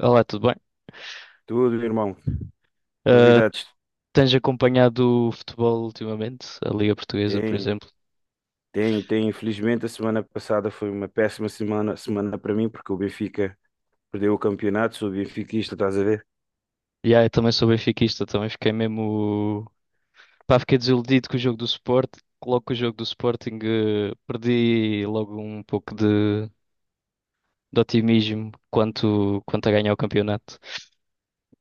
Olá, tudo bem? Tudo, irmão. Ah, Novidades? Tens acompanhado o futebol ultimamente? A Liga Portuguesa, por Tem, exemplo? tem. Infelizmente, a semana passada foi uma péssima semana para mim, porque o Benfica perdeu o campeonato. Sou benfiquista, estás a ver? E eu também sou benfiquista, também fiquei mesmo. Pá, fiquei desiludido com o jogo do Sporting. Logo com o jogo do Sporting, perdi logo um pouco de otimismo quanto a ganhar o campeonato.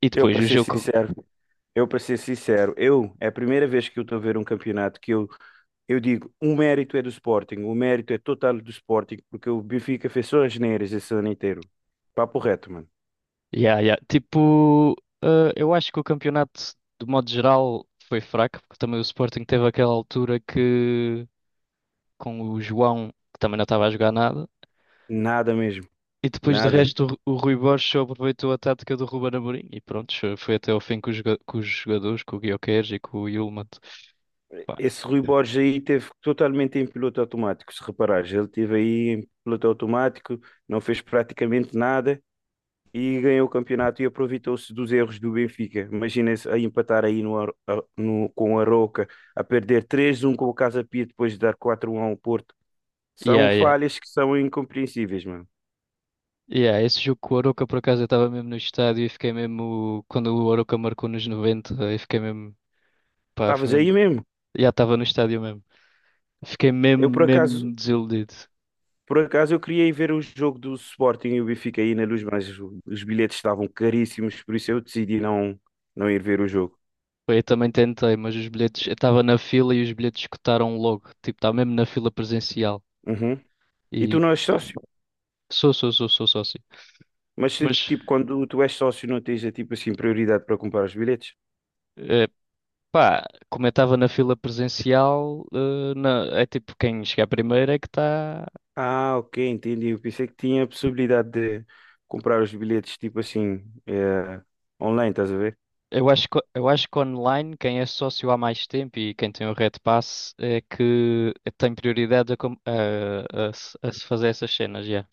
E Eu, depois para o ser jogo. sincero, é a primeira vez que eu estou a ver um campeonato que eu digo, o mérito é do Sporting, o mérito é total do Sporting, porque o Benfica fez só as neiras esse ano inteiro. Papo reto, mano. Yeah, yeah. Tipo, eu acho que o campeonato, de modo geral, foi fraco, porque também o Sporting teve aquela altura que, com o João, que também não estava a jogar nada. Nada mesmo, E depois de nada. resto o Rui Borges só aproveitou a tática do Ruben Amorim e pronto, foi até ao fim com os jogadores, com o Gyökeres e com o Yilmaz. Pá, Esse Rui Borges aí teve totalmente em piloto automático, se reparares, ele teve aí em piloto automático, não fez praticamente nada e ganhou o campeonato e aproveitou-se dos erros do Benfica. Imagina-se a empatar aí com a Roca, a perder 3-1 com o Casa Pia depois de dar 4-1 ao Porto. São yeah, yeah. falhas que são incompreensíveis, mano. Yeah, esse jogo com o Arouca, por acaso, eu estava mesmo no estádio e fiquei mesmo. Quando o Arouca marcou nos 90, eu fiquei mesmo. Pá, foi Estavas aí mesmo. mesmo? Já estava no estádio mesmo. Fiquei mesmo, Eu por acaso, mesmo desiludido. por acaso, eu queria ir ver o jogo do Sporting e o Benfica aí na luz, mas os bilhetes estavam caríssimos, por isso eu decidi não, não ir ver o jogo. Foi, eu também tentei, mas os bilhetes. Eu estava na fila e os bilhetes escutaram logo. Tipo, estava mesmo na fila presencial. Uhum. E tu E não és sócio? sou, sou, sou, sou sócio. Mas se, Mas, tipo, quando tu és sócio não tens tipo assim prioridade para comprar os bilhetes? eh, pá, como eu estava na fila presencial, é tipo, quem chegar primeiro é que está. Ah, ok, entendi. Eu pensei que tinha a possibilidade de comprar os bilhetes tipo assim online, estás a ver? Eu acho que online, quem é sócio há mais tempo e quem tem o Red Pass é que tem prioridade a, com- a se fazer essas cenas, já.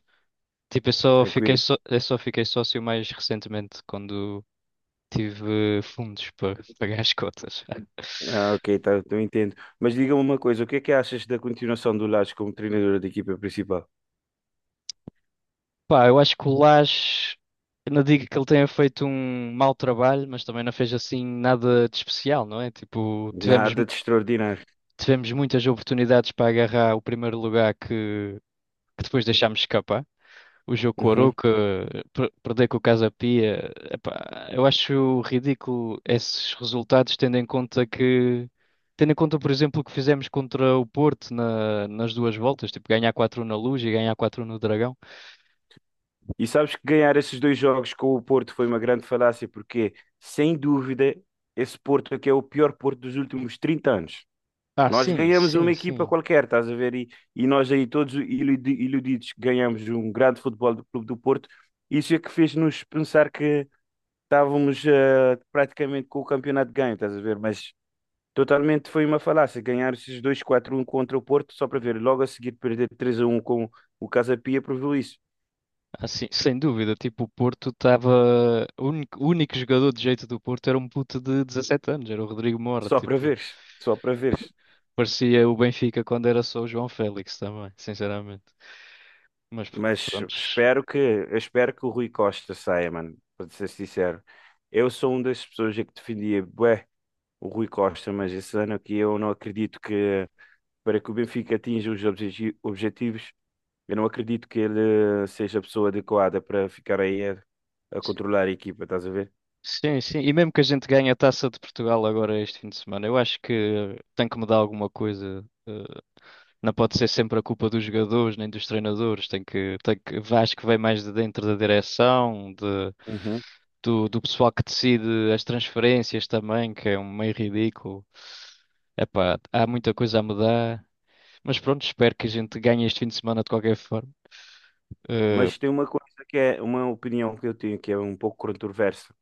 Tipo, eu só fiquei, Tranquilo. só- eu só fiquei sócio mais recentemente, quando tive fundos para pagar as cotas. Ah, ok, tá, eu entendo. Mas diga-me uma coisa, o que é que achas da continuação do Lages como treinador da equipa principal? Pá, eu acho que o Lage, eu não digo que ele tenha feito um mau trabalho, mas também não fez assim nada de especial, não é? Tipo, Nada tivemos, de mu- extraordinário. tivemos muitas oportunidades para agarrar o primeiro lugar que depois deixámos escapar. O Jokoro Uhum. que perder com o Casa Pia, epá, eu acho ridículo esses resultados, tendo em conta, por exemplo, o que fizemos contra o Porto nas duas voltas, tipo ganhar 4 na Luz e ganhar 4 no Dragão. E sabes que ganhar esses dois jogos com o Porto foi uma grande falácia, porque, sem dúvida, esse Porto aqui é o pior Porto dos últimos 30 anos. Ah, Nós sim, ganhamos uma sim, equipa sim. qualquer, estás a ver? E nós aí todos iludidos ganhamos um grande futebol do Clube do Porto. Isso é que fez-nos pensar que estávamos praticamente com o campeonato ganho, estás a ver? Mas totalmente foi uma falácia. Ganhar esses 2 4 um contra o Porto só para ver. Logo a seguir perder 3-1 com o Casa Pia provou isso. Ah, sim, sem dúvida. Tipo, o Porto estava. O único jogador de jeito do Porto era um puto de 17 anos, era o Rodrigo Mora. Só para Tipo, veres, só para veres. parecia o Benfica quando era só o João Félix também, sinceramente. Mas Mas pronto. espero que, eu espero que o Rui Costa saia, mano, para ser sincero. Eu sou uma das pessoas que defendia, bué, o Rui Costa, mas esse ano aqui eu não acredito que para que o Benfica atinja os objetivos, eu não acredito que ele seja a pessoa adequada para ficar aí a controlar a equipa, estás a ver? Sim, sim. E mesmo que a gente ganhe a Taça de Portugal agora este fim de semana, eu acho que tem que mudar alguma coisa. Não pode ser sempre a culpa dos jogadores nem dos treinadores. Tem que, acho que vem mais de dentro da direção, de, Uhum. do, do pessoal que decide as transferências também, que é um meio ridículo. Epá, há muita coisa a mudar. Mas pronto, espero que a gente ganhe este fim de semana de qualquer forma. Eh, Mas tem uma coisa que é uma opinião que eu tenho que é um pouco controversa.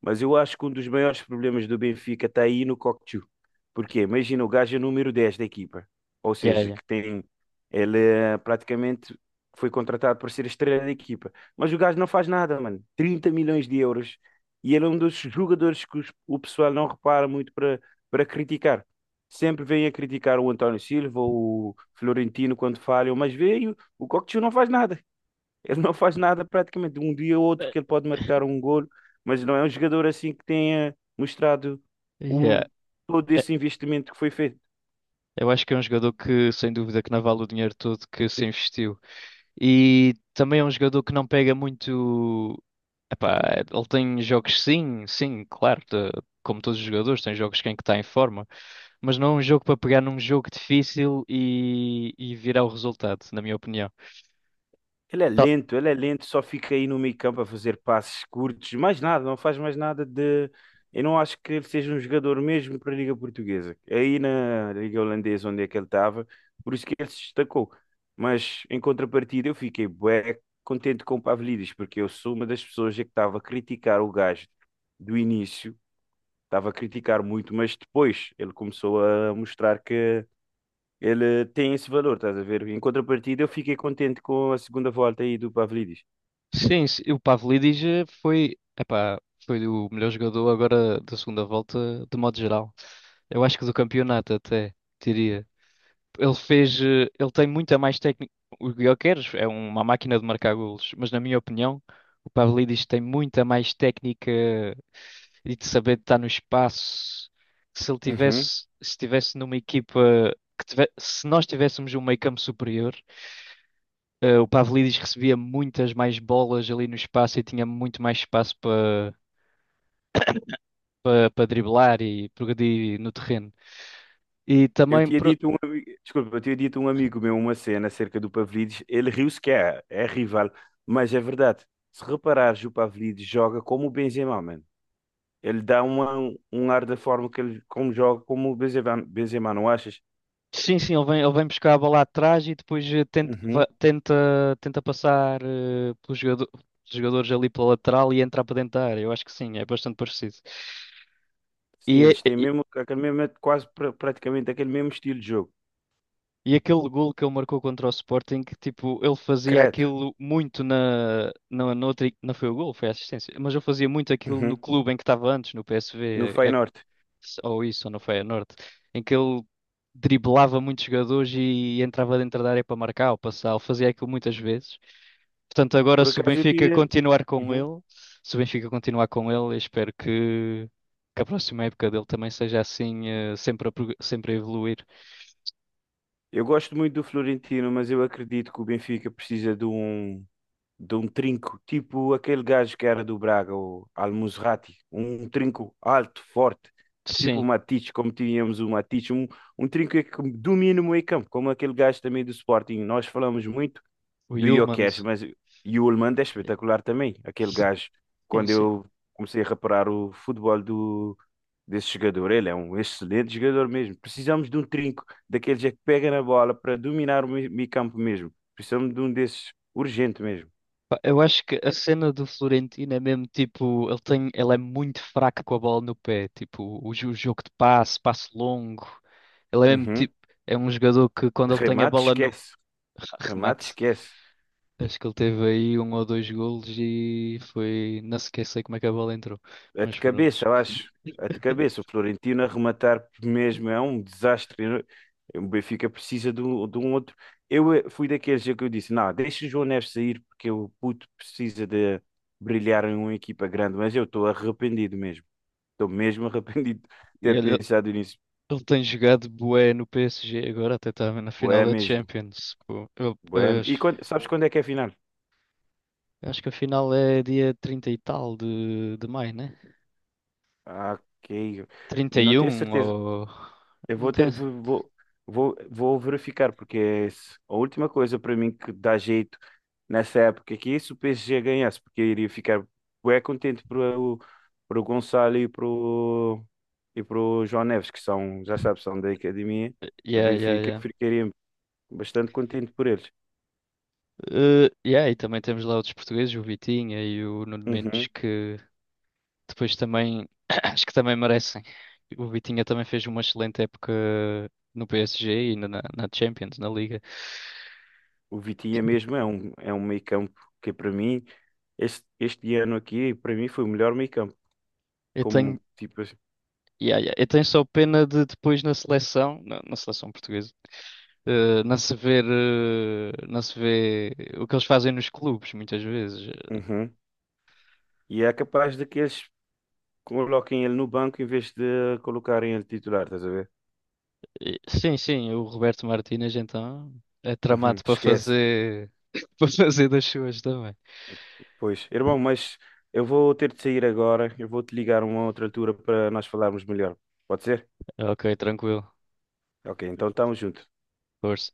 Mas eu acho que um dos maiores problemas do Benfica está aí no Cocchio. Porque imagina, o gajo é número 10 da equipa. Ou yeah, seja, yeah. que tem. Ele praticamente foi contratado para ser a estrela da equipa. Mas o gajo não faz nada, mano. 30 milhões de euros. E ele é um dos jogadores que o pessoal não repara muito para criticar. Sempre vem a criticar o António Silva, o Florentino quando falham, mas veio, o Cocchio não faz nada. Ele não faz nada praticamente. Um dia ou outro Eh, que ele pode marcar um golo, mas não é um jogador assim que tenha mostrado yeah. o, todo Eh, esse investimento que foi feito. Eu acho que é um jogador que, sem dúvida, que não vale o dinheiro todo que se investiu. E também é um jogador que não pega muito. Epá, ele tem jogos, sim, sim, claro, como todos os jogadores, tem jogos que é em que está em forma, mas não é um jogo para pegar num jogo difícil e virar o resultado, na minha opinião. Tá- Ele é lento, só fica aí no meio-campo a fazer passes curtos, mais nada, não faz mais nada de. Eu não acho que ele seja um jogador mesmo para a Liga Portuguesa. É aí na Liga Holandesa, onde é que ele estava, por isso que ele se destacou. Mas em contrapartida, eu fiquei bué contente com o Pavlidis, porque eu sou uma das pessoas que estava a criticar o gajo do início, estava a criticar muito, mas depois ele começou a mostrar que ele tem esse valor, estás a ver? Em contrapartida, eu fiquei contente com a segunda volta aí do Pavlidis. Sim, sim, o Pavlidis foi o melhor jogador agora da segunda volta, de modo geral. Eu acho que do campeonato até, diria. Ele tem muita mais técnica. O Gyökeres é uma máquina de marcar golos, mas na minha opinião, o Pavlidis tem muita mais técnica e de saber estar no espaço. Se ele Uhum. tivesse, se tivesse numa equipa se nós tivéssemos um meio-campo superior, o Pavlidis recebia muitas mais bolas ali no espaço e tinha muito mais espaço para driblar e progredir no terreno. E Eu também, tinha pro- dito um, ami- desculpa, eu tinha dito um amigo meu uma cena acerca do Pavlidis, ele riu-se que é rival, mas é verdade. Se reparares, o Pavlidis joga como o Benzema, mano. Ele dá um ar da forma que ele como joga como o Benzema, Benzema, não achas? Sim, sim, ele vem buscar a bola atrás e depois tenta, Uhum. va- tenta, tenta passar pelos jogadores ali pela lateral e entrar para dentro da área. Eu acho que sim, é bastante parecido. Sim, E, é- eles têm e, mesmo aquele mesmo, quase praticamente aquele mesmo estilo de jogo. e aquele gol que ele marcou contra o Sporting, que tipo, ele fazia Credo. aquilo muito na outra, não foi o gol, foi a assistência, mas ele fazia muito aquilo no Uhum. clube em que estava antes, no No PSV, Feyenoord. ou isso, ou no Feyenoord, em que ele driblava muitos jogadores e entrava dentro da área para marcar ou passar, ele fazia aquilo muitas vezes. Portanto, agora Por se o acaso eu Benfica tinha. continuar com Uhum. ele, se o Benfica continuar com ele, eu espero que a próxima época dele também seja assim, sempre sempre a evoluir. Eu gosto muito do Florentino, mas eu acredito que o Benfica precisa de um trinco, tipo aquele gajo que era do Braga, o Al-Musrati. Um trinco alto, forte, tipo o Sim, Matic, como tínhamos o Matic. Um trinco que domina o meio-campo, como aquele gajo também do Sporting. Nós falamos muito o do Gyökeres, Yulmand. mas e o Oldman é espetacular também. Aquele gajo, Sim, quando sim. eu comecei a reparar o futebol do desse jogador. Ele é um excelente jogador mesmo. Precisamos de um trinco, daqueles é que pega na bola para dominar o meio campo mesmo. Precisamos de um desses, urgente mesmo. Pá, eu acho que a cena do Florentino é mesmo tipo, ele é muito fraco com a bola no pé, tipo, o jogo de passe, passe longo. Ele é mesmo Uhum. tipo, é um jogador que quando ele tem a Remate, bola no esquece. Remate, remate. esquece. Acho que ele teve aí um ou dois golos e foi. Não sequer sei como é que a bola entrou. É de Mas pronto. cabeça, eu acho. É de cabeça. O Florentino a rematar mesmo é um desastre. O Benfica precisa de um outro. Eu fui daqueles é que eu disse: não, deixa o João Neves sair porque o puto precisa de brilhar em uma equipa grande. Mas eu estou arrependido mesmo. Estou mesmo arrependido de E ter olha, pensado nisso. ele tem jogado bué no PSG agora, até estava na final Bué da mesmo. Champions. Pô, eu- Bué. eu acho E sabes quando é que é a final? acho que a final é dia 30 e tal de maio, né? Ah, ok. trinta Não e tenho um certeza. ou. Eu Não vou tem. ter de, vou, vou, vou verificar, porque é a última coisa para mim que dá jeito nessa época aqui é se o PSG ganhasse, porque eu iria ficar bué contente para o Gonçalo e para o João Neves, que são, já sabes, são da academia do Yeah, yeah, Benfica. yeah. Eu ficaria bastante contente por eles. Yeah, e também temos lá outros portugueses, o Vitinha e o Nuno Mendes, Uhum. que depois também, acho que também merecem. O Vitinha também fez uma excelente época no PSG e na Champions, na Liga. O Vitinha mesmo é um meio-campo que para mim, este ano aqui, para mim foi o melhor meio-campo. Eu Como tenho, tipo assim. yeah, yeah, eu tenho só pena de depois na seleção, na seleção portuguesa, não se vê o que eles fazem nos clubes, muitas vezes. Uhum. E é capaz de que eles coloquem ele no banco em vez de colocarem ele titular, estás a ver? Sim, sim, o Roberto Martínez então é Uhum. tramado para Esquece. fazer, para fazer das suas também. Pois, irmão, mas eu vou ter de sair agora. Eu vou te ligar a uma outra altura para nós falarmos melhor. Pode ser? Ok, tranquilo. Ok, então estamos juntos. Força.